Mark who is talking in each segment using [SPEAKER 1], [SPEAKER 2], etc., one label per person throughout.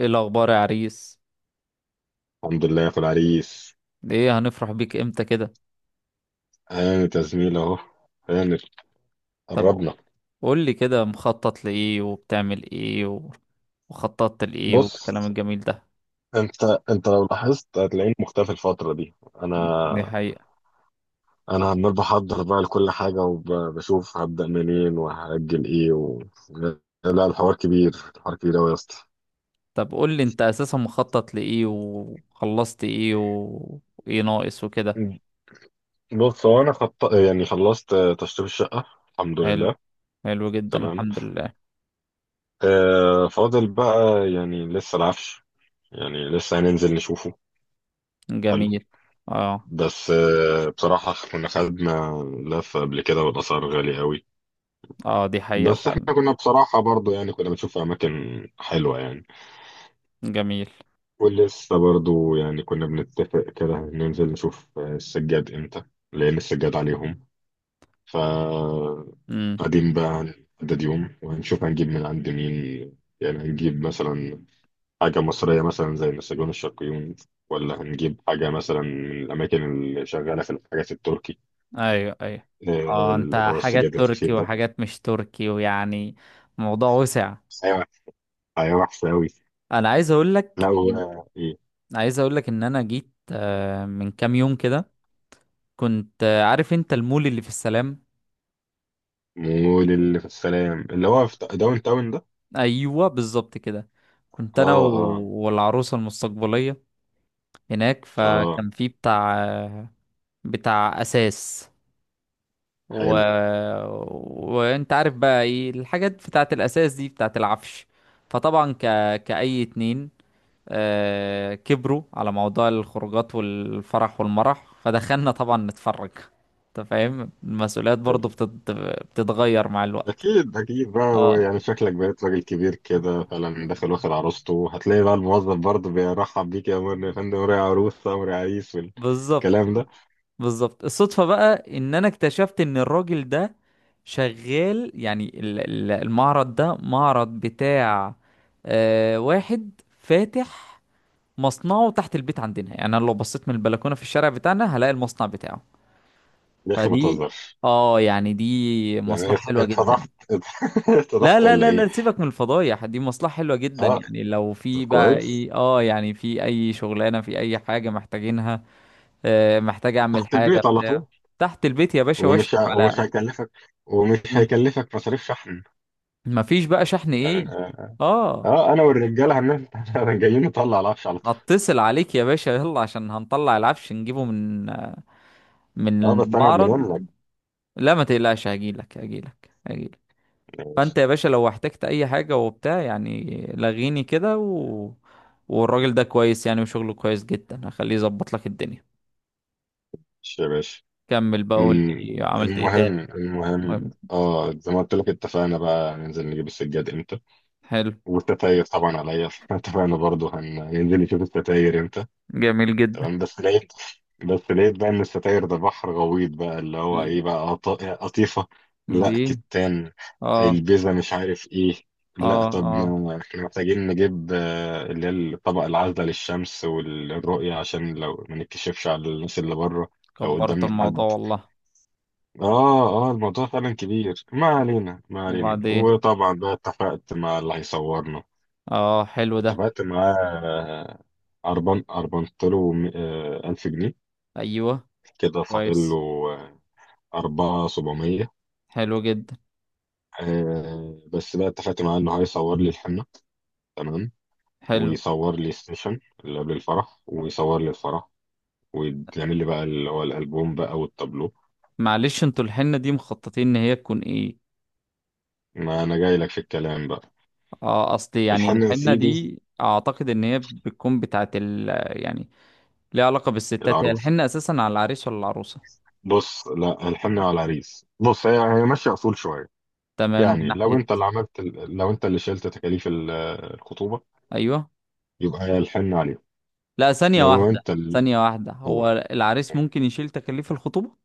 [SPEAKER 1] ايه الاخبار يا عريس؟
[SPEAKER 2] الحمد لله يا اخو العريس.
[SPEAKER 1] ايه هنفرح بيك امتى كده؟
[SPEAKER 2] انا زميل اهو. انا
[SPEAKER 1] طب
[SPEAKER 2] قربنا.
[SPEAKER 1] قول لي كده مخطط لايه وبتعمل ايه وخططت لايه والكلام
[SPEAKER 2] بص،
[SPEAKER 1] الجميل ده؟
[SPEAKER 2] انت انت لو لاحظت هتلاقيني مختفي الفتره دي. انا
[SPEAKER 1] دي حقيقة.
[SPEAKER 2] انا عمال بحضر بقى لكل حاجه وبشوف هبدا منين وهاجل ايه. لا الحوار كبير، الحوار كبير قوي يا اسطى.
[SPEAKER 1] طب قول لي انت اساسا مخطط لايه وخلصت ايه وايه ناقص وكده؟
[SPEAKER 2] بص، هو انا يعني خلصت تشطيب الشقه، الحمد
[SPEAKER 1] حلو.
[SPEAKER 2] لله.
[SPEAKER 1] حلو جدا
[SPEAKER 2] تمام.
[SPEAKER 1] الحمد لله.
[SPEAKER 2] فاضل بقى، يعني لسه العفش، يعني لسه هننزل نشوفه. حلو.
[SPEAKER 1] جميل. اه.
[SPEAKER 2] بس بصراحة كنا خدنا لفة قبل كده والأسعار غالية قوي.
[SPEAKER 1] اه دي حقيقة
[SPEAKER 2] بس
[SPEAKER 1] فعلا.
[SPEAKER 2] احنا كنا بصراحة برضو يعني كنا بنشوف أماكن حلوة يعني.
[SPEAKER 1] جميل.
[SPEAKER 2] ولسه برضو يعني كنا بنتفق كده ننزل نشوف السجاد امتى، لأن السجاد عليهم. ف
[SPEAKER 1] امم.
[SPEAKER 2] قاعدين بقى هنحدد يوم وهنشوف هنجيب من عند مين. يعني هنجيب مثلا حاجة مصرية مثلا زي نسجون الشرقيون، ولا هنجيب حاجة مثلا من الأماكن اللي شغالة في الحاجات التركي،
[SPEAKER 1] ايوه ايوه. اه انت
[SPEAKER 2] اللي هو
[SPEAKER 1] حاجات
[SPEAKER 2] السجاد
[SPEAKER 1] تركي
[SPEAKER 2] الخفيف ده.
[SPEAKER 1] وحاجات مش تركي ويعني الموضوع وسع.
[SPEAKER 2] ايوه، ايوه وحش قوي.
[SPEAKER 1] انا عايز اقول
[SPEAKER 2] لا
[SPEAKER 1] لك
[SPEAKER 2] هو ايه،
[SPEAKER 1] عايز اقول لك ان انا جيت من كام يوم كده. كنت عارف انت المول اللي في السلام.
[SPEAKER 2] مول اللي في السلام اللي هو في داون تاون ده.
[SPEAKER 1] ايوه بالظبط كده. كنت انا
[SPEAKER 2] اه. اه.
[SPEAKER 1] والعروسه المستقبليه هناك.
[SPEAKER 2] اه
[SPEAKER 1] فكان في بتاع اساس و...
[SPEAKER 2] حلو.
[SPEAKER 1] وانت عارف بقى ايه الحاجات بتاعت الاساس دي بتاعت العفش. فطبعا كأي اتنين كبروا على موضوع الخروجات والفرح والمرح، فدخلنا طبعا نتفرج. انت فاهم المسؤوليات
[SPEAKER 2] حلو،
[SPEAKER 1] برضو بتتغير مع الوقت.
[SPEAKER 2] اكيد اكيد. بقى هو
[SPEAKER 1] اه
[SPEAKER 2] يعني شكلك بقيت راجل كبير كده فعلا داخل واخد عروسته، هتلاقي بقى الموظف برضه بيرحب بيك، يا مرني يا فندم، وراي عروسه وراي عريس
[SPEAKER 1] بالظبط.
[SPEAKER 2] والكلام ده.
[SPEAKER 1] بالظبط الصدفة بقى ان انا اكتشفت ان الراجل ده شغال، يعني المعرض ده معرض بتاع واحد فاتح مصنعه تحت البيت عندنا، يعني انا لو بصيت من البلكونة في الشارع بتاعنا هلاقي المصنع بتاعه.
[SPEAKER 2] يا اخي ما
[SPEAKER 1] فدي
[SPEAKER 2] تهزرش،
[SPEAKER 1] اه يعني دي
[SPEAKER 2] يعني
[SPEAKER 1] مصلحة حلوة جدا.
[SPEAKER 2] اتفضحت،
[SPEAKER 1] لا
[SPEAKER 2] اتفضحت
[SPEAKER 1] لا
[SPEAKER 2] ولا
[SPEAKER 1] لا
[SPEAKER 2] ايه؟
[SPEAKER 1] لا، سيبك من الفضايح. دي مصلحة حلوة جدا،
[SPEAKER 2] اه.
[SPEAKER 1] يعني لو
[SPEAKER 2] طب
[SPEAKER 1] في بقى
[SPEAKER 2] كويس.
[SPEAKER 1] ايه يعني في اي شغلانة في اي حاجة محتاجينها. محتاج اعمل
[SPEAKER 2] تحت
[SPEAKER 1] حاجة
[SPEAKER 2] البيت على
[SPEAKER 1] بتاع
[SPEAKER 2] طول.
[SPEAKER 1] تحت البيت يا باشا واشرف
[SPEAKER 2] ومش
[SPEAKER 1] على.
[SPEAKER 2] هيكلفك، ومش
[SPEAKER 1] مم.
[SPEAKER 2] هيكلفك مصاريف شحن.
[SPEAKER 1] مفيش بقى شحن
[SPEAKER 2] يعني
[SPEAKER 1] ايه؟
[SPEAKER 2] اه.
[SPEAKER 1] اه،
[SPEAKER 2] انا والرجاله هننزل جايين نطلع العفش على طول.
[SPEAKER 1] هتصل عليك يا باشا، يلا عشان هنطلع العفش نجيبه من
[SPEAKER 2] اه بس انا قبل
[SPEAKER 1] المعرض.
[SPEAKER 2] منك.
[SPEAKER 1] لا ما تقلقش، هجيلك هجيلك هجيلك.
[SPEAKER 2] ماشي.
[SPEAKER 1] فانت يا باشا لو احتجت اي حاجة وبتاع يعني لغيني كده والراجل ده كويس يعني وشغله كويس جدا، هخليه يظبط لك الدنيا.
[SPEAKER 2] ماشي يا باشا.
[SPEAKER 1] كمل بقى، قول
[SPEAKER 2] أمم،
[SPEAKER 1] لي عملت ايه
[SPEAKER 2] المهم،
[SPEAKER 1] تاني.
[SPEAKER 2] المهم
[SPEAKER 1] المهم.
[SPEAKER 2] اه زي ما قلت لك، اتفقنا بقى ننزل نجيب السجاد امتى.
[SPEAKER 1] حلو.
[SPEAKER 2] والتتاير طبعا عليا اتفقنا برضو هننزل نشوف التتاير امتى.
[SPEAKER 1] جميل جدا.
[SPEAKER 2] تمام. بس لقيت بقى ان ستاير ده بحر غويط بقى، اللي هو
[SPEAKER 1] ل-
[SPEAKER 2] ايه بقى، قطيفة. لا
[SPEAKER 1] ليه؟
[SPEAKER 2] كتان.
[SPEAKER 1] اه
[SPEAKER 2] البيزا مش عارف ايه. لا
[SPEAKER 1] اه
[SPEAKER 2] طب
[SPEAKER 1] اه
[SPEAKER 2] ما احنا محتاجين نجيب اللي هي الطبق العازلة للشمس والرؤية، عشان لو ما نتكشفش على الناس اللي بره، لو
[SPEAKER 1] كبرت
[SPEAKER 2] قدامنا
[SPEAKER 1] الموضوع
[SPEAKER 2] حد.
[SPEAKER 1] والله.
[SPEAKER 2] اه اه. الموضوع فعلا كبير. ما علينا، ما علينا.
[SPEAKER 1] وبعدين
[SPEAKER 2] وطبعا بقى اتفقت مع اللي هيصورنا،
[SPEAKER 1] اه حلو ده.
[SPEAKER 2] اتفقت معاه آه، أربان أربنت له ألف جنيه،
[SPEAKER 1] ايوه.
[SPEAKER 2] كده فاضل
[SPEAKER 1] كويس.
[SPEAKER 2] له أربعة سبعمية.
[SPEAKER 1] حلو جدا
[SPEAKER 2] آه بس بقى اتفقت معاه إنه هيصور لي الحنة، تمام،
[SPEAKER 1] حلو.
[SPEAKER 2] ويصور لي السيشن اللي قبل الفرح، ويصور لي الفرح، ويعمل لي بقى اللي هو الألبوم بقى والتابلو.
[SPEAKER 1] معلش، انتوا الحنة دي مخططين ان هي تكون ايه؟
[SPEAKER 2] ما أنا جاي لك في الكلام بقى.
[SPEAKER 1] اه، اصلي يعني
[SPEAKER 2] الحنة يا
[SPEAKER 1] الحنة
[SPEAKER 2] سيدي.
[SPEAKER 1] دي اعتقد ان هي بتكون بتاعت ال. يعني، ليه علاقة بالستات، هي
[SPEAKER 2] العروس.
[SPEAKER 1] الحنة أساسا على العريس ولا العروسة؟
[SPEAKER 2] بص، لا الحنة على العريس. بص، هي هي ماشية أصول شوية.
[SPEAKER 1] تمام من
[SPEAKER 2] يعني لو
[SPEAKER 1] ناحية.
[SPEAKER 2] أنت اللي لو أنت اللي شلت تكاليف الخطوبة،
[SPEAKER 1] أيوه.
[SPEAKER 2] يبقى هي الحنة عليه.
[SPEAKER 1] لا، ثانية
[SPEAKER 2] لو
[SPEAKER 1] واحدة.
[SPEAKER 2] أنت اللي،
[SPEAKER 1] ثانية واحدة،
[SPEAKER 2] قول.
[SPEAKER 1] هو العريس ممكن يشيل تكاليف الخطوبة؟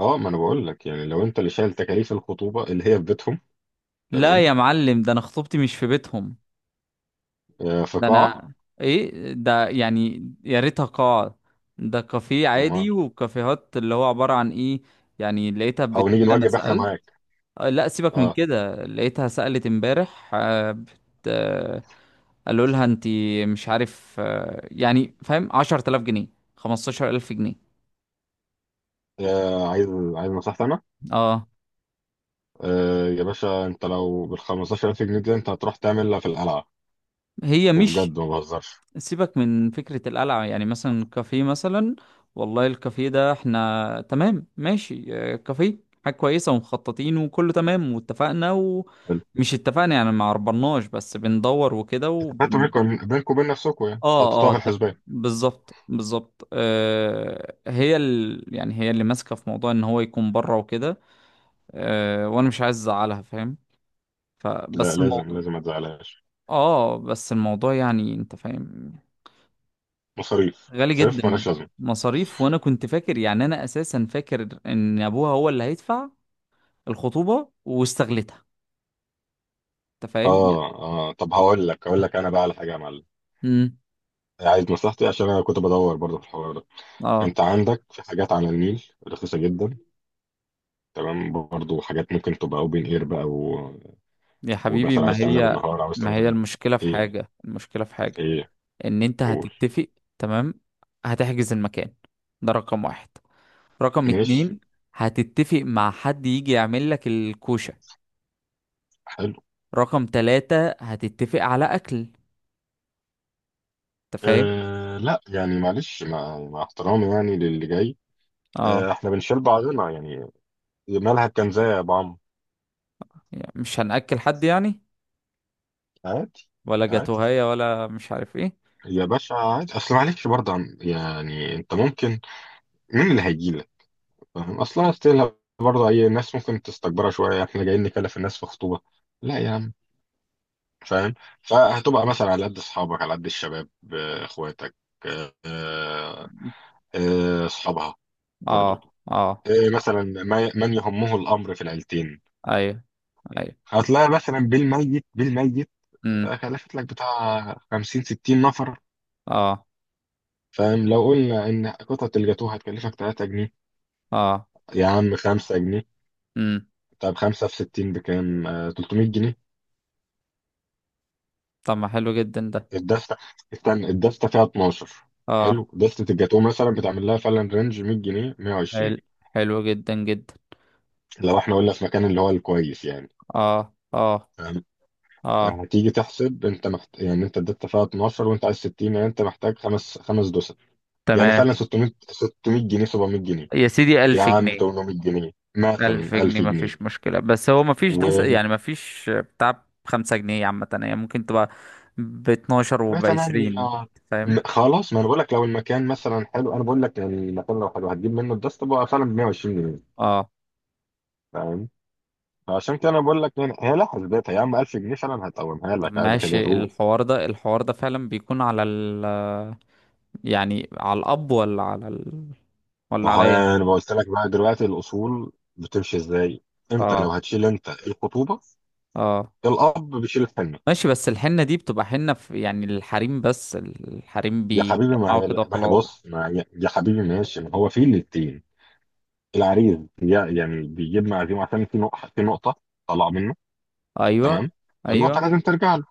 [SPEAKER 2] اه ما انا بقول لك، يعني لو انت اللي شايل تكاليف الخطوبه اللي هي في بيتهم.
[SPEAKER 1] لا
[SPEAKER 2] تمام.
[SPEAKER 1] يا معلم، ده أنا خطوبتي مش في بيتهم.
[SPEAKER 2] آه في
[SPEAKER 1] ده
[SPEAKER 2] قاعه.
[SPEAKER 1] أنا. إيه ده يعني، يا ريتها قاعة. ده كافيه
[SPEAKER 2] امال
[SPEAKER 1] عادي وكافيهات اللي هو عبارة عن إيه. يعني لقيتها
[SPEAKER 2] او
[SPEAKER 1] بتقول
[SPEAKER 2] نيجي
[SPEAKER 1] لي، أنا
[SPEAKER 2] نوجب احنا
[SPEAKER 1] سألت
[SPEAKER 2] معاك.
[SPEAKER 1] لا سيبك من
[SPEAKER 2] اه.
[SPEAKER 1] كده. لقيتها سألت امبارح، آه، قالوا لها انت مش عارف، يعني فاهم، 10000 جنيه، 15000 جنيه.
[SPEAKER 2] آه، عايز عايز نصيحتي انا.
[SPEAKER 1] اه
[SPEAKER 2] آه يا باشا، انت لو بال 15000 جنيه دي انت هتروح تعملها في القلعه،
[SPEAKER 1] هي مش.
[SPEAKER 2] وبجد ما بهزرش.
[SPEAKER 1] سيبك من فكرة القلعة، يعني مثلا كافيه مثلا. والله الكافيه ده احنا تمام ماشي، كافيه. حاجة كويسة ومخططين وكله تمام، واتفقنا ومش اتفقنا يعني، ما عربناش بس بندور وكده.
[SPEAKER 2] اتفقتوا بينكم، بينكم وبين نفسكم، يعني
[SPEAKER 1] اه
[SPEAKER 2] حطيتوها في
[SPEAKER 1] اه ده-
[SPEAKER 2] الحسبان.
[SPEAKER 1] بالظبط بالظبط، هي ال. يعني هي اللي ماسكه في موضوع ان هو يكون بره وكده. وانا مش عايز ازعلها، فاهم؟
[SPEAKER 2] لا
[SPEAKER 1] فبس
[SPEAKER 2] لازم،
[SPEAKER 1] الموضوع.
[SPEAKER 2] لازم ما تزعلهاش.
[SPEAKER 1] اه بس الموضوع يعني انت فاهم.
[SPEAKER 2] مصاريف،
[SPEAKER 1] غالي
[SPEAKER 2] مصاريف
[SPEAKER 1] جدا.
[SPEAKER 2] مالهاش لازمه.
[SPEAKER 1] مصاريف، وانا كنت فاكر، يعني انا اساسا فاكر ان ابوها هو اللي هيدفع الخطوبه واستغلتها، انت فاهم.
[SPEAKER 2] اه اه. طب هقول لك، هقول لك انا بقى على حاجه يا معلم.
[SPEAKER 1] امم.
[SPEAKER 2] عايز نصيحتي، عشان انا كنت بدور برضه في الحوار ده.
[SPEAKER 1] اه.
[SPEAKER 2] انت عندك في حاجات على النيل رخيصه جدا، تمام، برضو حاجات ممكن تبقى اوبن اير بقى
[SPEAKER 1] يا حبيبي
[SPEAKER 2] ومثلا
[SPEAKER 1] ما
[SPEAKER 2] عايز تعملها
[SPEAKER 1] هي.
[SPEAKER 2] بالنهار، عاوز
[SPEAKER 1] ما
[SPEAKER 2] تعملها
[SPEAKER 1] هي
[SPEAKER 2] بال،
[SPEAKER 1] المشكله في
[SPEAKER 2] ايه،
[SPEAKER 1] حاجه، المشكله في حاجه
[SPEAKER 2] ايه،
[SPEAKER 1] ان انت
[SPEAKER 2] قول،
[SPEAKER 1] هتتفق. تمام، هتحجز المكان، ده رقم واحد. رقم
[SPEAKER 2] ماشي،
[SPEAKER 1] اتنين، هتتفق مع حد يجي يعمل لك الكوشة.
[SPEAKER 2] حلو.
[SPEAKER 1] رقم تلاتة، هتتفق على اكل. انت فاهم.
[SPEAKER 2] أه لا يعني معلش، مع احترامي يعني للي جاي،
[SPEAKER 1] اه
[SPEAKER 2] أه احنا بنشيل بعضنا يعني. مالها الكنزة يا بعم.
[SPEAKER 1] يعني مش هنأكل حد يعني،
[SPEAKER 2] عادي.
[SPEAKER 1] ولا
[SPEAKER 2] عادي
[SPEAKER 1] جاتوهية ولا مش عارف ايه.
[SPEAKER 2] يا باشا عادي، اصل معلش برضه يعني انت ممكن، مين اللي هيجي لك، فاهم اصلا استيل، برضه اي ناس ممكن تستكبرها شويه، احنا جايين نكلف الناس في خطوبه؟ لا يا عم، فاهم. فهتبقى مثلا على قد اصحابك، على قد الشباب، اخواتك، آه، اصحابها،
[SPEAKER 1] اه
[SPEAKER 2] برضو،
[SPEAKER 1] اه.
[SPEAKER 2] آه، مثلا من يهمه الامر في العيلتين.
[SPEAKER 1] ايوه ايوه.
[SPEAKER 2] هتلاقي مثلا بالميت بالميت،
[SPEAKER 1] امم.
[SPEAKER 2] كلفت لك بتاع 50 60 نفر.
[SPEAKER 1] اه
[SPEAKER 2] فاهم، لو قلنا ان قطعة الجاتوه هتكلفك 3 جنيه،
[SPEAKER 1] اه.
[SPEAKER 2] يا عم 5 جنيه،
[SPEAKER 1] امم.
[SPEAKER 2] طب 5 في 60 بكام؟ 300 جنيه.
[SPEAKER 1] طب ما حلو جدا ده.
[SPEAKER 2] الدستة، استنى الدستة فيها 12.
[SPEAKER 1] اه.
[SPEAKER 2] حلو، دستة الجاتوه مثلا بتعمل لها فعلا رينج 100 جنيه
[SPEAKER 1] حلو
[SPEAKER 2] 120،
[SPEAKER 1] حلو جدا جدا.
[SPEAKER 2] لو احنا قلنا في مكان اللي هو الكويس يعني.
[SPEAKER 1] اه اه
[SPEAKER 2] فاهم؟
[SPEAKER 1] اه.
[SPEAKER 2] هتيجي تحسب انت يعني انت اديت فيها 12 وانت عايز 60، يعني انت محتاج خمس، خمس دوسر، يعني
[SPEAKER 1] تمام.
[SPEAKER 2] فعلا 600، 600 جنيه، 700 جنيه،
[SPEAKER 1] يا سيدي
[SPEAKER 2] يا
[SPEAKER 1] ألف
[SPEAKER 2] عم
[SPEAKER 1] جنيه.
[SPEAKER 2] 800 جنيه، مثلا
[SPEAKER 1] ألف جنيه
[SPEAKER 2] 1000 جنيه.
[SPEAKER 1] مفيش مشكلة، بس هو مفيش
[SPEAKER 2] و
[SPEAKER 1] ده يعني مفيش بتاع بخمسة جنيه عامة، يعني ممكن تبقى باتناشر
[SPEAKER 2] وتمانية.
[SPEAKER 1] وبعشرين. فاهم.
[SPEAKER 2] خلاص، ما انا بقول لك لو المكان مثلا حلو، انا بقول لك يعني المكان لو حلو هتجيب منه الدست بقى فعلا ب 120 جنيه،
[SPEAKER 1] اه
[SPEAKER 2] فاهم، فعشان كده انا بقول لك، يعني هي لها حسبتها يا عم، 1000 جنيه فعلا هتقومها
[SPEAKER 1] طب
[SPEAKER 2] لك عادي كده.
[SPEAKER 1] ماشي. الحوار ده فعلا بيكون على ال، يعني على الاب ولا على ال،
[SPEAKER 2] ما
[SPEAKER 1] ولا
[SPEAKER 2] هو
[SPEAKER 1] عليا
[SPEAKER 2] يعني
[SPEAKER 1] أنا؟
[SPEAKER 2] انا قلت لك بقى دلوقتي الاصول بتمشي ازاي. امتى
[SPEAKER 1] اه
[SPEAKER 2] لو هتشيل انت الخطوبه،
[SPEAKER 1] اه.
[SPEAKER 2] الاب بيشيل الحمل.
[SPEAKER 1] ماشي، بس الحنة دي بتبقى حنة في يعني الحريم بس، الحريم
[SPEAKER 2] يا حبيبي ما
[SPEAKER 1] بيجمعوا
[SPEAKER 2] هي،
[SPEAKER 1] كده
[SPEAKER 2] ما هي
[SPEAKER 1] خلاص.
[SPEAKER 2] بص، ما هي يا حبيبي ماشي، ما هو في الاتنين، العريس يعني بيجيب معزوم عشان في نقطه، في نقطه طلع منه،
[SPEAKER 1] ايوه
[SPEAKER 2] تمام، فالنقطه
[SPEAKER 1] ايوه.
[SPEAKER 2] لازم ترجع له.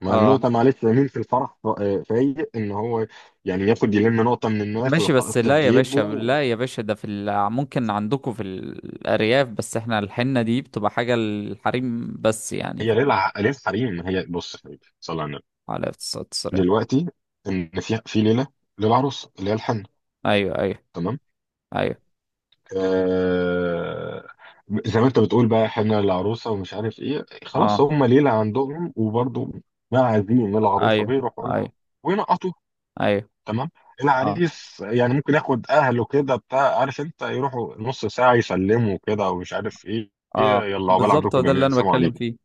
[SPEAKER 2] ما
[SPEAKER 1] اه.
[SPEAKER 2] النقطه معلش مين في الفرح فايق ان هو يعني ياخد يلم نقطه من الناس
[SPEAKER 1] ماشي بس
[SPEAKER 2] ويحط في
[SPEAKER 1] لا يا باشا،
[SPEAKER 2] جيبه.
[SPEAKER 1] لا يا باشا، ده في ال. ممكن عندكم في الأرياف، بس احنا الحنة دي بتبقى حاجة الحريم بس يعني،
[SPEAKER 2] هي ليه
[SPEAKER 1] فاهم.
[SPEAKER 2] ليه الحريم، ما هي بص يا حبيبي، صلى على النبي.
[SPEAKER 1] على اقتصاد السريع.
[SPEAKER 2] دلوقتي ان في، في ليله للعروسه اللي هي الحنه،
[SPEAKER 1] ايوه ايوه
[SPEAKER 2] تمام،
[SPEAKER 1] ايوه.
[SPEAKER 2] آه زي ما انت بتقول بقى، حنه للعروسه ومش عارف ايه، خلاص
[SPEAKER 1] اه.
[SPEAKER 2] هم ليله عندهم، وبرضه ما عايزين ان العروسه
[SPEAKER 1] ايوه
[SPEAKER 2] بيروحوا لها
[SPEAKER 1] ايوه
[SPEAKER 2] وينقطوا،
[SPEAKER 1] ايوه.
[SPEAKER 2] تمام.
[SPEAKER 1] اه
[SPEAKER 2] العريس يعني ممكن ياخد اهله كده بتاع، عارف انت، يروحوا نص ساعه يسلموا كده ومش عارف ايه.
[SPEAKER 1] اه
[SPEAKER 2] يلا عقبال
[SPEAKER 1] بالظبط، هو
[SPEAKER 2] عندكم
[SPEAKER 1] ده اللي
[SPEAKER 2] جميعا،
[SPEAKER 1] انا
[SPEAKER 2] سلام
[SPEAKER 1] بتكلم
[SPEAKER 2] عليكم.
[SPEAKER 1] فيه.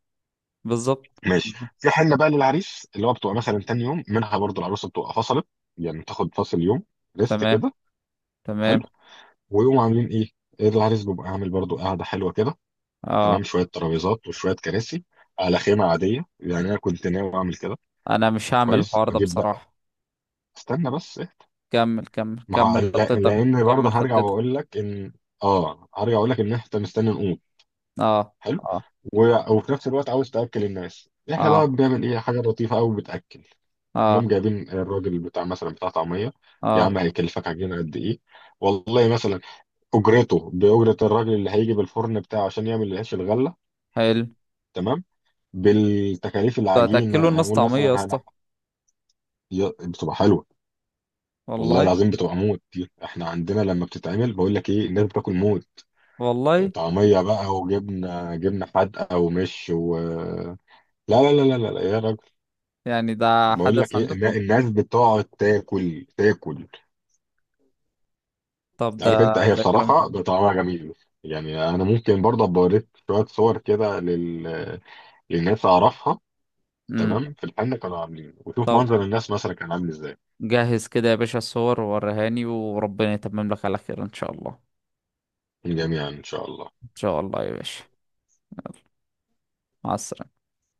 [SPEAKER 1] بالظبط.
[SPEAKER 2] ماشي، في حنه بقى للعريس اللي هو بتبقى مثلا تاني يوم منها، برضه العروسه بتبقى فصلت، يعني بتاخد فاصل يوم، ريست
[SPEAKER 1] تمام
[SPEAKER 2] كده.
[SPEAKER 1] تمام.
[SPEAKER 2] حلو، ويقوموا عاملين ايه؟ ايه، العريس بيبقى عامل برضو قاعده حلوه كده، تمام،
[SPEAKER 1] اه
[SPEAKER 2] شويه ترابيزات وشويه كراسي على خيمه عاديه، يعني انا كنت ناوي اعمل كده.
[SPEAKER 1] انا مش هعمل
[SPEAKER 2] كويس،
[SPEAKER 1] الحوار ده
[SPEAKER 2] واجيب بقى،
[SPEAKER 1] بصراحة.
[SPEAKER 2] استنى بس إيه؟
[SPEAKER 1] كمل كمل
[SPEAKER 2] ما هو-
[SPEAKER 1] كمل
[SPEAKER 2] لا-
[SPEAKER 1] خطتك.
[SPEAKER 2] لان برضو
[SPEAKER 1] كمل
[SPEAKER 2] هرجع
[SPEAKER 1] خطتك.
[SPEAKER 2] واقول لك ان، اه هرجع اقول لك ان احنا مستني نقوم.
[SPEAKER 1] اه
[SPEAKER 2] حلو.
[SPEAKER 1] اه
[SPEAKER 2] وفي نفس الوقت عاوز تاكل الناس. احنا بقى
[SPEAKER 1] اه
[SPEAKER 2] بنعمل ايه، حاجه لطيفه قوي بتاكل،
[SPEAKER 1] اه
[SPEAKER 2] انهم جايبين الراجل بتاع مثلا، بتاع طعميه. يا
[SPEAKER 1] اه
[SPEAKER 2] عم هيكلفك عجينه قد ايه؟ والله مثلا اجرته باجره الراجل اللي هيجي بالفرن بتاعه عشان يعمل العيش الغله،
[SPEAKER 1] حلو.
[SPEAKER 2] تمام، بالتكاليف
[SPEAKER 1] هتاكلوا
[SPEAKER 2] العجينه،
[SPEAKER 1] الناس
[SPEAKER 2] اقول
[SPEAKER 1] طعمية
[SPEAKER 2] مثلا
[SPEAKER 1] يا اسطى؟
[SPEAKER 2] بتبقى حلوه. والله
[SPEAKER 1] والله.
[SPEAKER 2] العظيم بتبقى موت دي، احنا عندنا لما بتتعمل بقول لك ايه، الناس بتاكل موت.
[SPEAKER 1] والله
[SPEAKER 2] طعميه بقى وجبنه، جبنه حادقه ومش، و لا لا لا لا لا لا يا راجل.
[SPEAKER 1] يعني ده
[SPEAKER 2] بقول لك
[SPEAKER 1] حدث
[SPEAKER 2] ايه
[SPEAKER 1] عندكم؟
[SPEAKER 2] الناس بتقعد تاكل تاكل،
[SPEAKER 1] طب ده.
[SPEAKER 2] عارف انت، هي
[SPEAKER 1] ده كلام
[SPEAKER 2] بصراحه
[SPEAKER 1] حلو.
[SPEAKER 2] طعمها جميل. يعني انا ممكن برضه أبقى اوريك شويه صور كده للناس اعرفها.
[SPEAKER 1] امم.
[SPEAKER 2] تمام، في الحنه كانوا عاملين، وشوف
[SPEAKER 1] طب،
[SPEAKER 2] منظر الناس مثلا كان عامل ازاي.
[SPEAKER 1] جهز كده يا باشا الصور ووريهاني، وربنا يتمم لك على خير ان شاء الله.
[SPEAKER 2] جميعا ان شاء الله.
[SPEAKER 1] ان شاء الله يا باشا. مع السلامة.